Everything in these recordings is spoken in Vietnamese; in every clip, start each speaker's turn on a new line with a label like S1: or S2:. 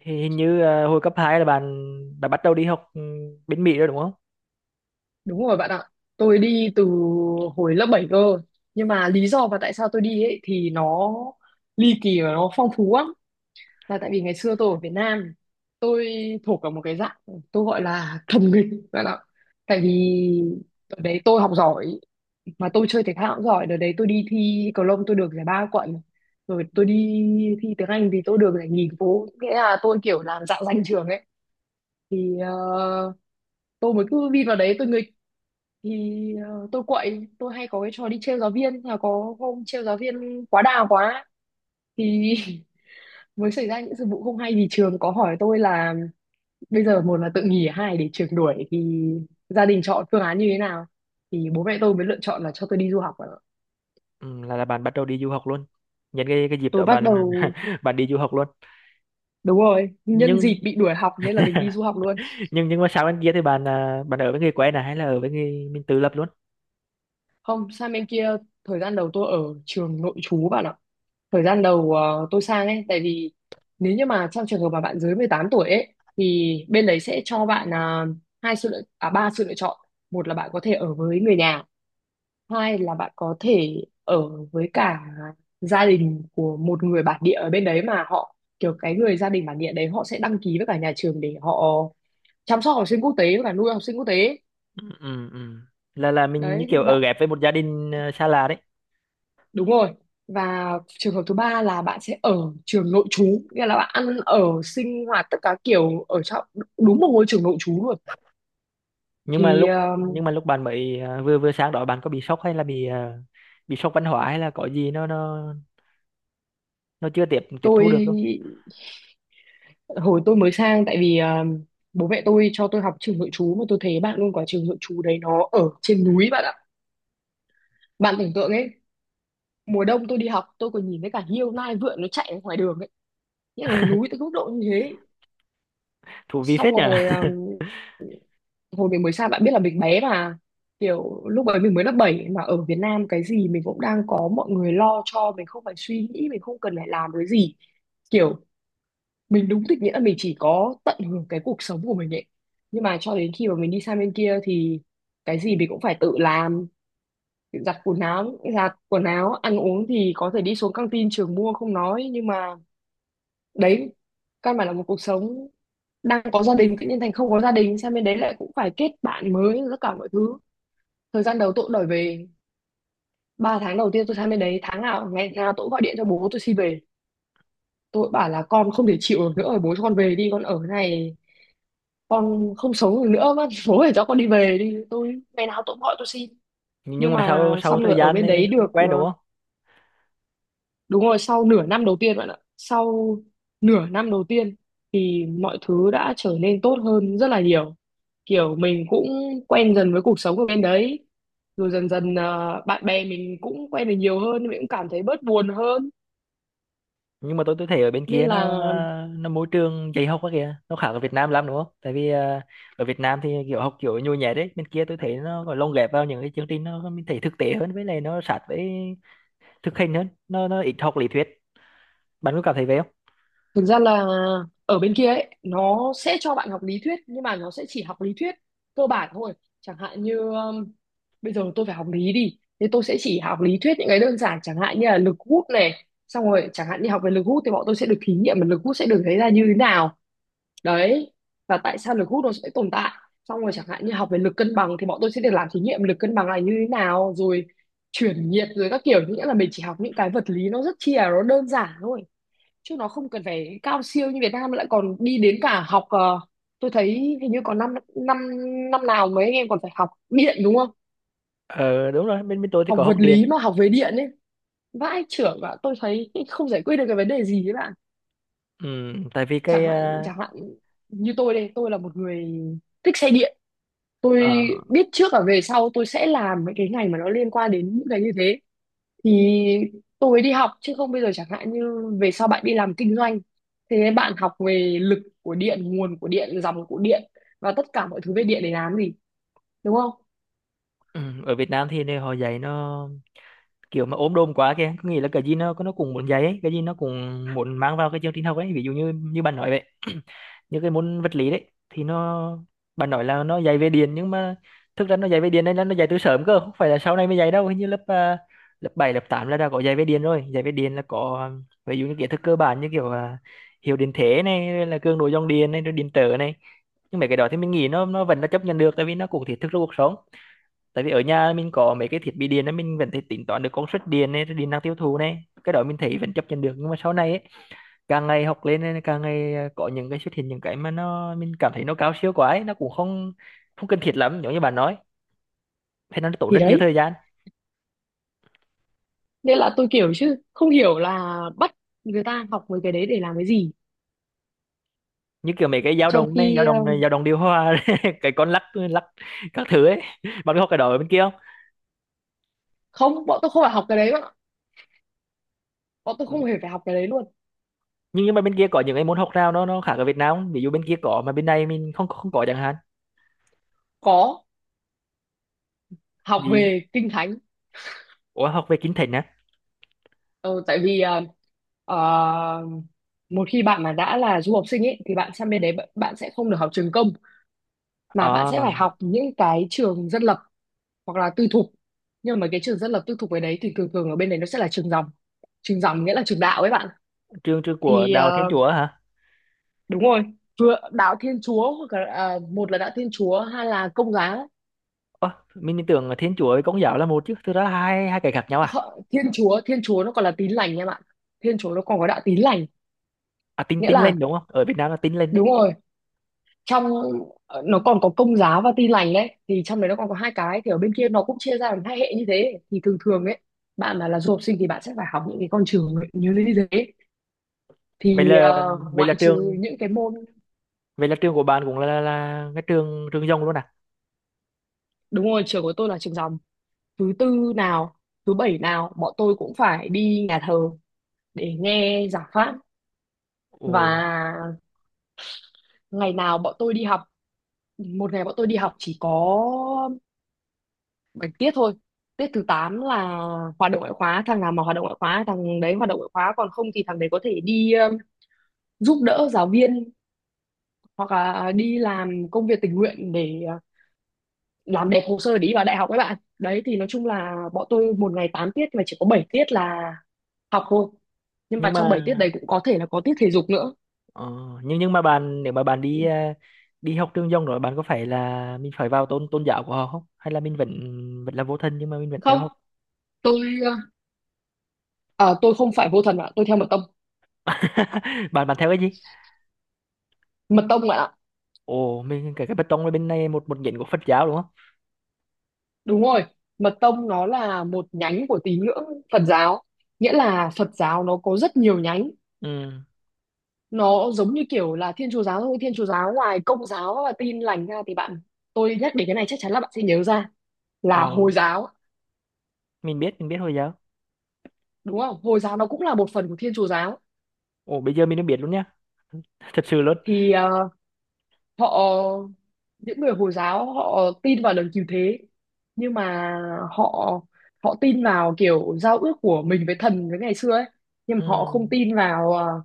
S1: Thì hình như hồi cấp 2 là bạn bạn bắt đầu đi học bên Mỹ rồi đúng không?
S2: Đúng rồi bạn ạ. Tôi đi từ hồi lớp 7 cơ. Nhưng mà lý do mà tại sao tôi đi ấy thì nó ly kỳ và nó phong phú lắm. Là tại vì ngày xưa tôi ở Việt Nam, tôi thuộc vào một cái dạng tôi gọi là thầm nghịch bạn ạ. Tại vì đợt đấy tôi học giỏi mà tôi chơi thể thao cũng giỏi. Đợt đấy tôi đi thi cầu lông tôi được giải ba quận. Rồi tôi đi thi tiếng Anh thì tôi được giải nhì phố. Nghĩa là tôi kiểu làm dạng danh trường ấy. Thì ờ, tôi mới cứ vin vào đấy tôi nghịch tôi quậy, tôi hay có cái trò đi trêu giáo viên, là có hôm trêu giáo viên quá đà quá thì mới xảy ra những sự vụ không hay vì trường có hỏi tôi là bây giờ một là tự nghỉ, hai để trường đuổi thì gia đình chọn phương án như thế nào, thì bố mẹ tôi mới lựa chọn là cho tôi đi du học ạ.
S1: Ừ, là bạn bắt đầu đi du học luôn. Nhân cái dịp
S2: Tôi
S1: đó
S2: bắt
S1: bạn
S2: đầu
S1: bạn đi du học luôn.
S2: đúng rồi, nhân
S1: Nhưng
S2: dịp bị đuổi học nên là mình đi du học luôn.
S1: nhưng mà sau bên kia thì bạn bạn ở với người quen này hay là ở với người mình tự lập luôn?
S2: Không, sang bên kia thời gian đầu tôi ở trường nội trú bạn ạ. Thời gian đầu tôi sang ấy, tại vì nếu như mà trong trường hợp mà bạn dưới 18 tuổi ấy thì bên đấy sẽ cho bạn à, hai sự lựa à ba sự lựa chọn. Một là bạn có thể ở với người nhà, hai là bạn có thể ở với cả gia đình của một người bản địa ở bên đấy, mà họ kiểu cái người gia đình bản địa đấy họ sẽ đăng ký với cả nhà trường để họ chăm sóc học sinh quốc tế và nuôi học sinh quốc tế.
S1: Ừ, ừ, ừ. Là mình như
S2: Đấy.
S1: kiểu
S2: Và
S1: ở ghép với một gia đình xa lạ đấy.
S2: đúng rồi. Và trường hợp thứ ba là bạn sẽ ở trường nội trú, nghĩa là bạn ăn ở sinh hoạt tất cả kiểu ở trong đúng một ngôi trường nội trú luôn. Thì ờ,
S1: Nhưng mà lúc bạn mới vừa vừa sang đó bạn có bị sốc hay là bị bị sốc văn hóa hay là có gì nó chưa tiếp tiếp
S2: tôi
S1: thu được không?
S2: Hồi tôi mới sang, tại vì bố mẹ tôi cho tôi học trường nội trú, mà tôi thấy bạn luôn, quả trường nội trú đấy nó ở trên núi bạn ạ. Bạn tưởng tượng ấy, mùa đông tôi đi học tôi còn nhìn thấy cả hiêu nai vượn nó chạy ở ngoài đường ấy. Nghĩa là núi tới mức độ như thế.
S1: Thú vị
S2: Xong
S1: phết
S2: rồi
S1: nhỉ.
S2: hồi mình mới sang bạn biết là mình bé mà, kiểu lúc ấy mình mới lớp 7, mà ở Việt Nam cái gì mình cũng đang có mọi người lo cho mình, không phải suy nghĩ, mình không cần phải làm cái gì, kiểu mình đúng thực nghĩa là mình chỉ có tận hưởng cái cuộc sống của mình ấy. Nhưng mà cho đến khi mà mình đi sang bên kia thì cái gì mình cũng phải tự làm, giặt quần áo, ăn uống thì có thể đi xuống căng tin trường mua không nói, nhưng mà đấy, căn bản là một cuộc sống đang có gia đình tự nhiên thành không có gia đình, sang bên đấy lại cũng phải kết bạn mới, tất cả mọi thứ. Thời gian đầu tôi cũng đòi về, 3 tháng đầu tiên tôi sang bên đấy tháng nào ngày nào tôi cũng gọi điện cho bố tôi xin về. Tôi bảo là con không thể chịu được nữa rồi, bố cho con về đi, con ở cái này con không sống được nữa, bác bố phải cho con đi về đi, tôi ngày nào tôi cũng gọi tôi xin.
S1: Nhưng
S2: Nhưng
S1: mà
S2: mà
S1: sau sau một
S2: xong rồi
S1: thời
S2: ở
S1: gian
S2: bên
S1: thì
S2: đấy
S1: nó
S2: được
S1: quen đúng không?
S2: đúng rồi, sau nửa năm đầu tiên bạn ạ. Sau nửa năm đầu tiên thì mọi thứ đã trở nên tốt hơn rất là nhiều. Kiểu mình cũng quen dần với cuộc sống ở bên đấy. Rồi dần dần à, bạn bè mình cũng quen được nhiều hơn, mình cũng cảm thấy bớt buồn hơn.
S1: Nhưng mà tôi thấy ở bên
S2: Nên
S1: kia
S2: là
S1: nó môi trường dạy học quá kìa, nó khác ở Việt Nam lắm đúng không? Tại vì ở Việt Nam thì kiểu học kiểu nhồi nhét đấy, bên kia tôi thấy nó còn lồng ghép vào những cái chương trình nó mình thấy thực tế hơn, với lại nó sát với thực hành hơn, nó ít học lý thuyết, bạn có cảm thấy vậy không?
S2: thực ra là ở bên kia ấy, nó sẽ cho bạn học lý thuyết, nhưng mà nó sẽ chỉ học lý thuyết cơ bản thôi. Chẳng hạn như bây giờ tôi phải học lý đi, thế tôi sẽ chỉ học lý thuyết những cái đơn giản, chẳng hạn như là lực hút này, xong rồi chẳng hạn như học về lực hút thì bọn tôi sẽ được thí nghiệm mà lực hút sẽ được thấy ra như thế nào, đấy, và tại sao lực hút nó sẽ tồn tại. Xong rồi chẳng hạn như học về lực cân bằng thì bọn tôi sẽ được làm thí nghiệm lực cân bằng là như thế nào, rồi chuyển nhiệt, rồi các kiểu, nghĩa là mình chỉ học những cái vật lý nó rất chi là nó đơn giản thôi, chứ nó không cần phải cao siêu như Việt Nam lại còn đi đến cả học tôi thấy hình như còn năm năm năm nào mấy anh em còn phải học điện đúng không.
S1: Ờ, đúng rồi, bên bên tôi thì
S2: Học
S1: có học
S2: vật
S1: điện.
S2: lý mà học về điện ấy, vãi chưởng, và tôi thấy không giải quyết được cái vấn đề gì ấy bạn.
S1: Ừ, tại vì
S2: chẳng
S1: cái
S2: hạn chẳng hạn như tôi đây, tôi là một người thích xe điện, tôi
S1: ở
S2: biết trước và về sau tôi sẽ làm mấy cái ngành mà nó liên quan đến những cái như thế thì tôi mới đi học, chứ không bây giờ chẳng hạn như về sau bạn đi làm kinh doanh, thế nên bạn học về lực của điện, nguồn của điện, dòng của điện, và tất cả mọi thứ về điện để làm gì, đúng không.
S1: ừ, ở Việt Nam thì này họ dạy nó kiểu mà ốm đồm quá kìa, có nghĩa là cái gì nó cũng muốn dạy ấy, cái gì nó cũng muốn mang vào cái chương trình học ấy, ví dụ như như bạn nói vậy. Như cái môn vật lý đấy thì nó, bạn nói là nó dạy về điện, nhưng mà thực ra nó dạy về điện đây là nó dạy từ sớm cơ, không phải là sau này mới dạy đâu. Hình như lớp lớp 7 lớp 8 là đã có dạy về điện rồi. Dạy về điện là có ví dụ như kiến thức cơ bản, như kiểu hiệu điện thế này, rồi là cường độ dòng điện này, rồi điện trở này. Nhưng mà cái đó thì mình nghĩ nó vẫn là chấp nhận được, tại vì nó cũng thiết thực trong cuộc sống. Tại vì ở nhà mình có mấy cái thiết bị điện đó, mình vẫn thể tính toán được công suất điện này, rồi điện năng tiêu thụ này, cái đó mình thấy vẫn chấp nhận được. Nhưng mà sau này ấy, càng ngày học lên ấy, càng ngày có những cái xuất hiện, những cái mà mình cảm thấy nó cao siêu quá ấy, nó cũng không không cần thiết lắm, giống như bạn nói thế, nó tốn
S2: Thì
S1: rất nhiều
S2: đấy,
S1: thời gian.
S2: nên là tôi kiểu chứ không hiểu là bắt người ta học mấy cái đấy để làm cái gì.
S1: Như kiểu mấy cái dao
S2: Trong
S1: động này,
S2: khi
S1: dao động điều hòa, cái con lắc lắc các thứ ấy, bạn có học cái đó ở bên kia không?
S2: không, bọn tôi không phải học cái đấy bạn ạ, bọn tôi không
S1: Ừ.
S2: hề phải học cái đấy luôn.
S1: Nhưng mà bên kia có những cái môn học nào nó khác ở Việt Nam không? Ví dụ bên kia có mà bên này mình không không có chẳng hạn.
S2: Có, học
S1: Vì
S2: về kinh thánh.
S1: ủa, học về kinh thành á?
S2: Ờ, tại vì ờ, một khi bạn mà đã là du học sinh ấy thì bạn sang bên đấy bạn bạn sẽ không được học trường công, mà bạn
S1: À,
S2: sẽ phải học những cái trường dân lập hoặc là tư thục. Nhưng mà cái trường dân lập tư thục ở đấy thì thường thường ở bên đấy nó sẽ là trường dòng. Trường dòng nghĩa là trường đạo ấy bạn.
S1: trường trường của
S2: thì
S1: đạo Thiên
S2: ờ,
S1: Chúa hả?
S2: đúng rồi, vừa đạo Thiên Chúa hoặc là à, một là đạo Thiên Chúa, hai là Công giáo.
S1: Ơ, mình tưởng là Thiên Chúa với Công giáo là một chứ, thực ra là hai hai cái khác nhau à?
S2: Thiên Chúa nó còn là tín lành em ạ. Thiên Chúa nó còn có đạo tín lành.
S1: À, Tin
S2: Nghĩa
S1: Tin
S2: là
S1: lên đúng không? Ở Việt Nam là Tin lên đấy.
S2: đúng rồi, trong nó còn có Công giáo và tin lành, đấy thì trong đấy nó còn có hai cái, thì ở bên kia nó cũng chia ra làm hai hệ như thế. Thì thường thường ấy, bạn mà là du học sinh thì bạn sẽ phải học những cái con trường như thế đấy.
S1: Vậy là vậy là
S2: Ngoại trừ
S1: trường
S2: những cái môn
S1: vậy là trường của bạn cũng là cái trường trường Dòng luôn à?
S2: đúng rồi, trường của tôi là trường dòng. Thứ tư nào thứ bảy nào bọn tôi cũng phải đi nhà thờ để nghe giảng pháp.
S1: Ồ,
S2: Và ngày nào bọn tôi đi học, một ngày bọn tôi đi học chỉ có 7 tiết thôi, tiết thứ 8 là hoạt động ngoại khóa. Thằng nào mà hoạt động ngoại khóa thằng đấy hoạt động ngoại khóa, còn không thì thằng đấy có thể đi giúp đỡ giáo viên hoặc là đi làm công việc tình nguyện để làm đẹp hồ sơ để đi vào đại học các bạn đấy. Thì nói chung là bọn tôi một ngày 8 tiết mà chỉ có 7 tiết là học thôi, nhưng mà
S1: nhưng
S2: trong
S1: mà
S2: 7 tiết đấy cũng có thể là có tiết thể dục nữa.
S1: ờ, nhưng mà bạn, nếu mà bạn đi đi học trường Dòng rồi, bạn có phải là mình phải vào tôn tôn giáo của họ không? Hay là mình vẫn vẫn là vô thần nhưng mà mình vẫn theo
S2: Không,
S1: học?
S2: tôi à, tôi không phải vô thần ạ, tôi theo mật tông.
S1: Bạn Bạn theo cái gì?
S2: Mật tông ạ,
S1: Ồ, mình cái bê tông ở bên này một một nhánh của Phật giáo đúng không?
S2: đúng rồi. Mật tông nó là một nhánh của tín ngưỡng Phật giáo. Nghĩa là Phật giáo nó có rất nhiều nhánh.
S1: Ừ.
S2: Nó giống như kiểu là Thiên Chúa giáo thôi. Thiên Chúa giáo ngoài Công giáo và Tin lành ra thì bạn, tôi nhắc đến cái này chắc chắn là bạn sẽ nhớ ra là
S1: Ờ,
S2: Hồi giáo,
S1: mình biết, mình biết Hồi giáo.
S2: đúng không? Hồi giáo nó cũng là một phần của Thiên Chúa giáo.
S1: Ồ, bây giờ mình đã biết luôn nhá. Thật sự luôn.
S2: Thì ờ, họ những người Hồi giáo họ tin vào đấng cứu thế, nhưng mà họ họ tin vào kiểu giao ước của mình với thần với ngày xưa ấy, nhưng mà họ không
S1: Ừm,
S2: tin vào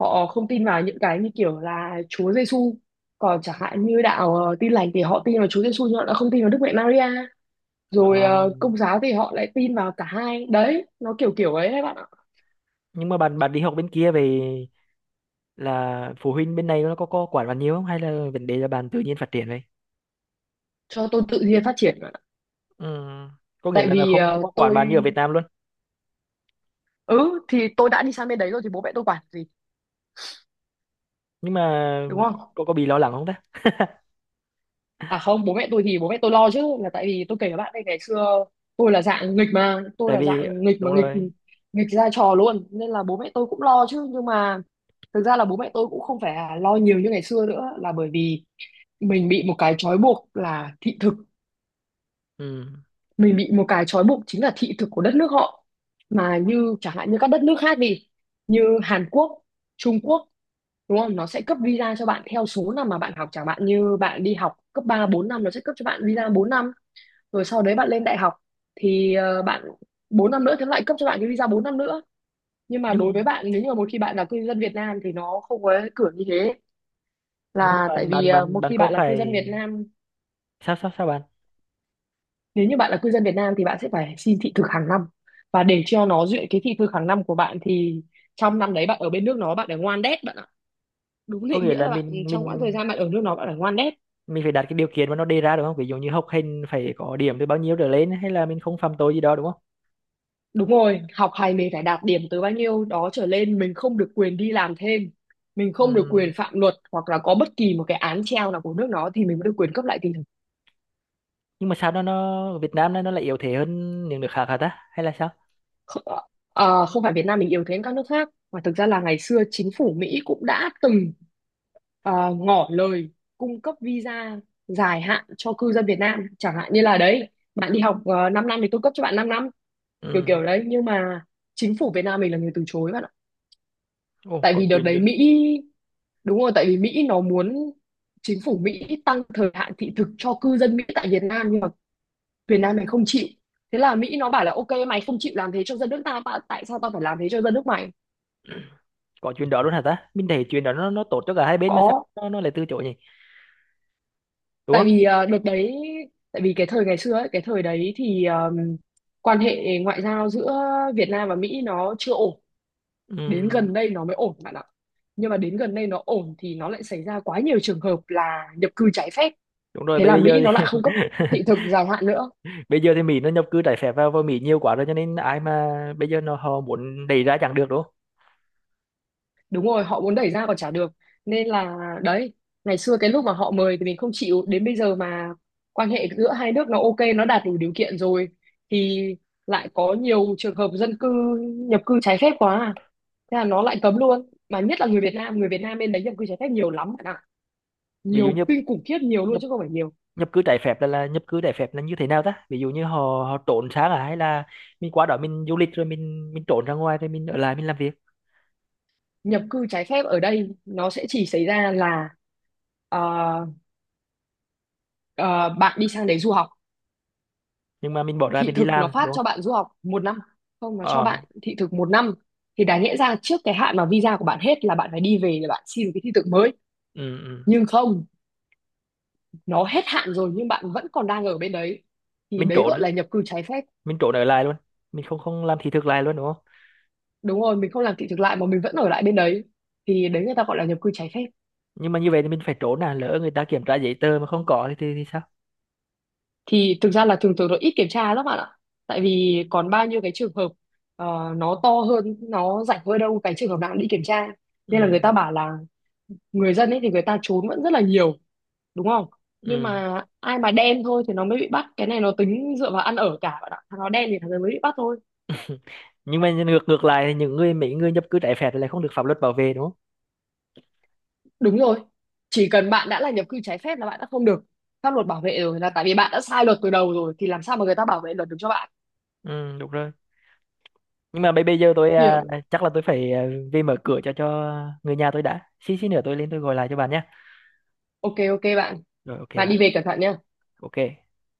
S2: họ không tin vào những cái như kiểu là Chúa Giêsu. Còn chẳng hạn như đạo Tin lành thì họ tin vào Chúa Giêsu nhưng họ đã không tin vào Đức Mẹ Maria, rồi
S1: ờ,
S2: Công giáo thì họ lại tin vào cả hai, đấy nó kiểu kiểu ấy đấy bạn ạ.
S1: nhưng mà bạn bạn đi học bên kia về là phụ huynh bên này nó có quản bạn nhiều không, hay là vấn đề là bạn tự nhiên phát triển vậy?
S2: Cho tôi tự nhiên phát triển bạn ạ.
S1: Ừm, có nghĩa
S2: Tại
S1: là nó
S2: vì
S1: không không
S2: ờ,
S1: có quản
S2: tôi
S1: bạn như ở Việt Nam luôn.
S2: ừ thì tôi đã đi sang bên đấy rồi thì bố mẹ tôi quản gì,
S1: Nhưng mà
S2: đúng không?
S1: có có bị lo lắng không ta?
S2: À không, bố mẹ tôi thì bố mẹ tôi lo chứ, là tại vì tôi kể các bạn đây ngày xưa tôi là dạng nghịch mà, tôi
S1: Tại
S2: là
S1: vì
S2: dạng nghịch mà
S1: đúng
S2: nghịch
S1: rồi.
S2: nghịch ra trò luôn, nên là bố mẹ tôi cũng lo chứ. Nhưng mà thực ra là bố mẹ tôi cũng không phải là lo nhiều như ngày xưa nữa, là bởi vì mình bị một cái trói buộc là thị thực,
S1: Ừm,
S2: mình bị một cái trói buộc chính là thị thực của đất nước họ. Mà như chẳng hạn như các đất nước khác đi, như Hàn Quốc, Trung Quốc, đúng không? Nó sẽ cấp visa cho bạn theo số năm mà bạn học, chẳng hạn như bạn đi học cấp 3 4 năm nó sẽ cấp cho bạn visa 4 năm, rồi sau đấy bạn lên đại học thì bạn 4 năm nữa thì nó lại cấp cho bạn cái visa 4 năm nữa. Nhưng mà
S1: nhưng mà
S2: đối với bạn, nếu như mà một khi bạn là cư dân Việt Nam thì nó không có cửa như thế,
S1: nhưng
S2: là
S1: mà
S2: tại
S1: bạn
S2: vì
S1: bạn bạn
S2: một
S1: bạn
S2: khi
S1: có
S2: bạn là cư
S1: phải,
S2: dân Việt Nam,
S1: sao sao sao bạn,
S2: nếu như bạn là cư dân Việt Nam thì bạn sẽ phải xin thị thực hàng năm, và để cho nó duyệt cái thị thực hàng năm của bạn thì trong năm đấy bạn ở bên nước nó bạn phải ngoan đét bạn ạ. Đúng
S1: có
S2: định
S1: nghĩa
S2: nghĩa
S1: là
S2: là bạn trong quãng thời gian bạn ở nước nó bạn phải ngoan đét.
S1: mình phải đặt cái điều kiện mà nó đề ra đúng không? Ví dụ như học hành phải có điểm từ bao nhiêu trở lên, hay là mình không phạm tội gì đó đúng không?
S2: Đúng rồi, học hành mình phải đạt điểm từ bao nhiêu đó trở lên, mình không được quyền đi làm thêm, mình không được
S1: Ừ.
S2: quyền phạm luật hoặc là có bất kỳ một cái án treo nào của nước nó thì mình mới được quyền cấp lại thị thực.
S1: Nhưng mà sao nó Việt Nam nó lại yếu thế hơn những nước khác hả ta, hay là sao?
S2: Kh- Không phải Việt Nam mình yếu thế hơn các nước khác, mà thực ra là ngày xưa chính phủ Mỹ cũng đã từng ngỏ lời cung cấp visa dài hạn cho cư dân Việt Nam, chẳng hạn như là đấy, bạn đi học 5 năm thì tôi cấp cho bạn 5 năm, kiểu
S1: Ừ,
S2: kiểu đấy. Nhưng mà chính phủ Việt Nam mình là người từ chối bạn,
S1: ồ,
S2: tại
S1: có
S2: vì đợt
S1: chuyện
S2: đấy
S1: đến.
S2: Mỹ, đúng rồi, tại vì Mỹ nó muốn, chính phủ Mỹ tăng thời hạn thị thực cho cư dân Mỹ tại Việt Nam, nhưng mà Việt Nam này không chịu. Thế là Mỹ nó bảo là ok mày không chịu làm thế cho dân nước ta mà tại sao tao phải làm thế cho dân nước mày.
S1: Có chuyện đó luôn hả ta? Mình thấy chuyện đó nó tốt cho cả hai bên mà sao
S2: Có,
S1: nó lại từ chối nhỉ, đúng
S2: tại
S1: không?
S2: vì ờ, đợt đấy tại vì cái thời ngày xưa ấy, cái thời đấy thì quan hệ ngoại giao giữa Việt Nam và Mỹ nó chưa ổn, đến
S1: Ừ,
S2: gần đây nó mới ổn bạn ạ. Nhưng mà đến gần đây nó ổn thì nó lại xảy ra quá nhiều trường hợp là nhập cư trái phép,
S1: đúng rồi,
S2: thế
S1: bây
S2: là
S1: bây giờ
S2: Mỹ nó
S1: thì
S2: lại không cấp thị thực dài hạn nữa.
S1: bây giờ thì Mỹ nó nhập cư trái phép vào vào Mỹ nhiều quá rồi, cho nên ai mà bây giờ họ muốn đẩy ra chẳng được đúng không?
S2: Đúng rồi, họ muốn đẩy ra còn chả được, nên là đấy, ngày xưa cái lúc mà họ mời thì mình không chịu, đến bây giờ mà quan hệ giữa hai nước nó ok, nó đạt đủ điều kiện rồi, thì lại có nhiều trường hợp dân cư nhập cư trái phép quá à. Thế là nó lại cấm luôn, mà nhất là người Việt Nam, người Việt Nam bên đấy nhập cư trái phép nhiều lắm bạn ạ,
S1: Ví dụ
S2: nhiều
S1: nhập
S2: kinh khủng khiếp, nhiều luôn
S1: nhập
S2: chứ không phải nhiều.
S1: nhập cư trái phép là nhập cư trái phép là như thế nào ta? Ví dụ như họ, họ trốn sang à, hay là mình qua đó mình du lịch rồi mình trốn ra ngoài rồi mình ở lại mình làm việc.
S2: Nhập cư trái phép ở đây nó sẽ chỉ xảy ra là ờ, ờ, bạn đi sang đấy du học,
S1: Nhưng mà mình bỏ ra
S2: thị
S1: mình đi
S2: thực nó
S1: làm
S2: phát
S1: đúng?
S2: cho bạn du học một năm, không nó cho
S1: Ờ,
S2: bạn thị thực một năm, thì đáng lẽ ra trước cái hạn mà visa của bạn hết là bạn phải đi về để bạn xin cái thị thực mới.
S1: ừ, ừ.
S2: Nhưng không, nó hết hạn rồi nhưng bạn vẫn còn đang ở bên đấy, thì
S1: Mình
S2: đấy gọi
S1: trốn,
S2: là nhập cư trái phép.
S1: mình trốn ở lại luôn, mình không không làm thị thực lại luôn đúng không?
S2: Đúng rồi, mình không làm thị thực lại mà mình vẫn ở lại bên đấy, thì đấy người ta gọi là nhập cư trái phép.
S1: Nhưng mà như vậy thì mình phải trốn à, lỡ người ta kiểm tra giấy tờ mà không có thì thì sao?
S2: Thì thực ra là thường thường nó ít kiểm tra lắm bạn ạ, tại vì còn bao nhiêu cái trường hợp nó to hơn, nó rảnh hơn đâu cái trường hợp nào cũng đi kiểm tra. Nên là
S1: Ừ,
S2: người ta bảo là người dân ấy thì người ta trốn vẫn rất là nhiều, đúng không? Nhưng
S1: ừ.
S2: mà ai mà đen thôi thì nó mới bị bắt, cái này nó tính dựa vào ăn ở cả bạn ạ, thằng nó đen thì thằng đấy mới bị bắt thôi.
S1: Nhưng mà ngược ngược lại thì những người mấy người nhập cư trái phép lại không được pháp luật bảo vệ đúng không?
S2: Đúng rồi, chỉ cần bạn đã là nhập cư trái phép là bạn đã không được pháp luật bảo vệ rồi, là tại vì bạn đã sai luật từ đầu rồi thì làm sao mà người ta bảo vệ luật được cho bạn.
S1: Ừ, đúng rồi. Nhưng mà bây bây giờ tôi
S2: Kiểu
S1: chắc là tôi phải về mở cửa cho người nhà tôi đã, xí xí nữa tôi lên tôi gọi lại cho bạn nhé.
S2: ok, ok bạn.
S1: Rồi, ok
S2: Bạn đi
S1: bạn.
S2: về cẩn thận nhá.
S1: Ok.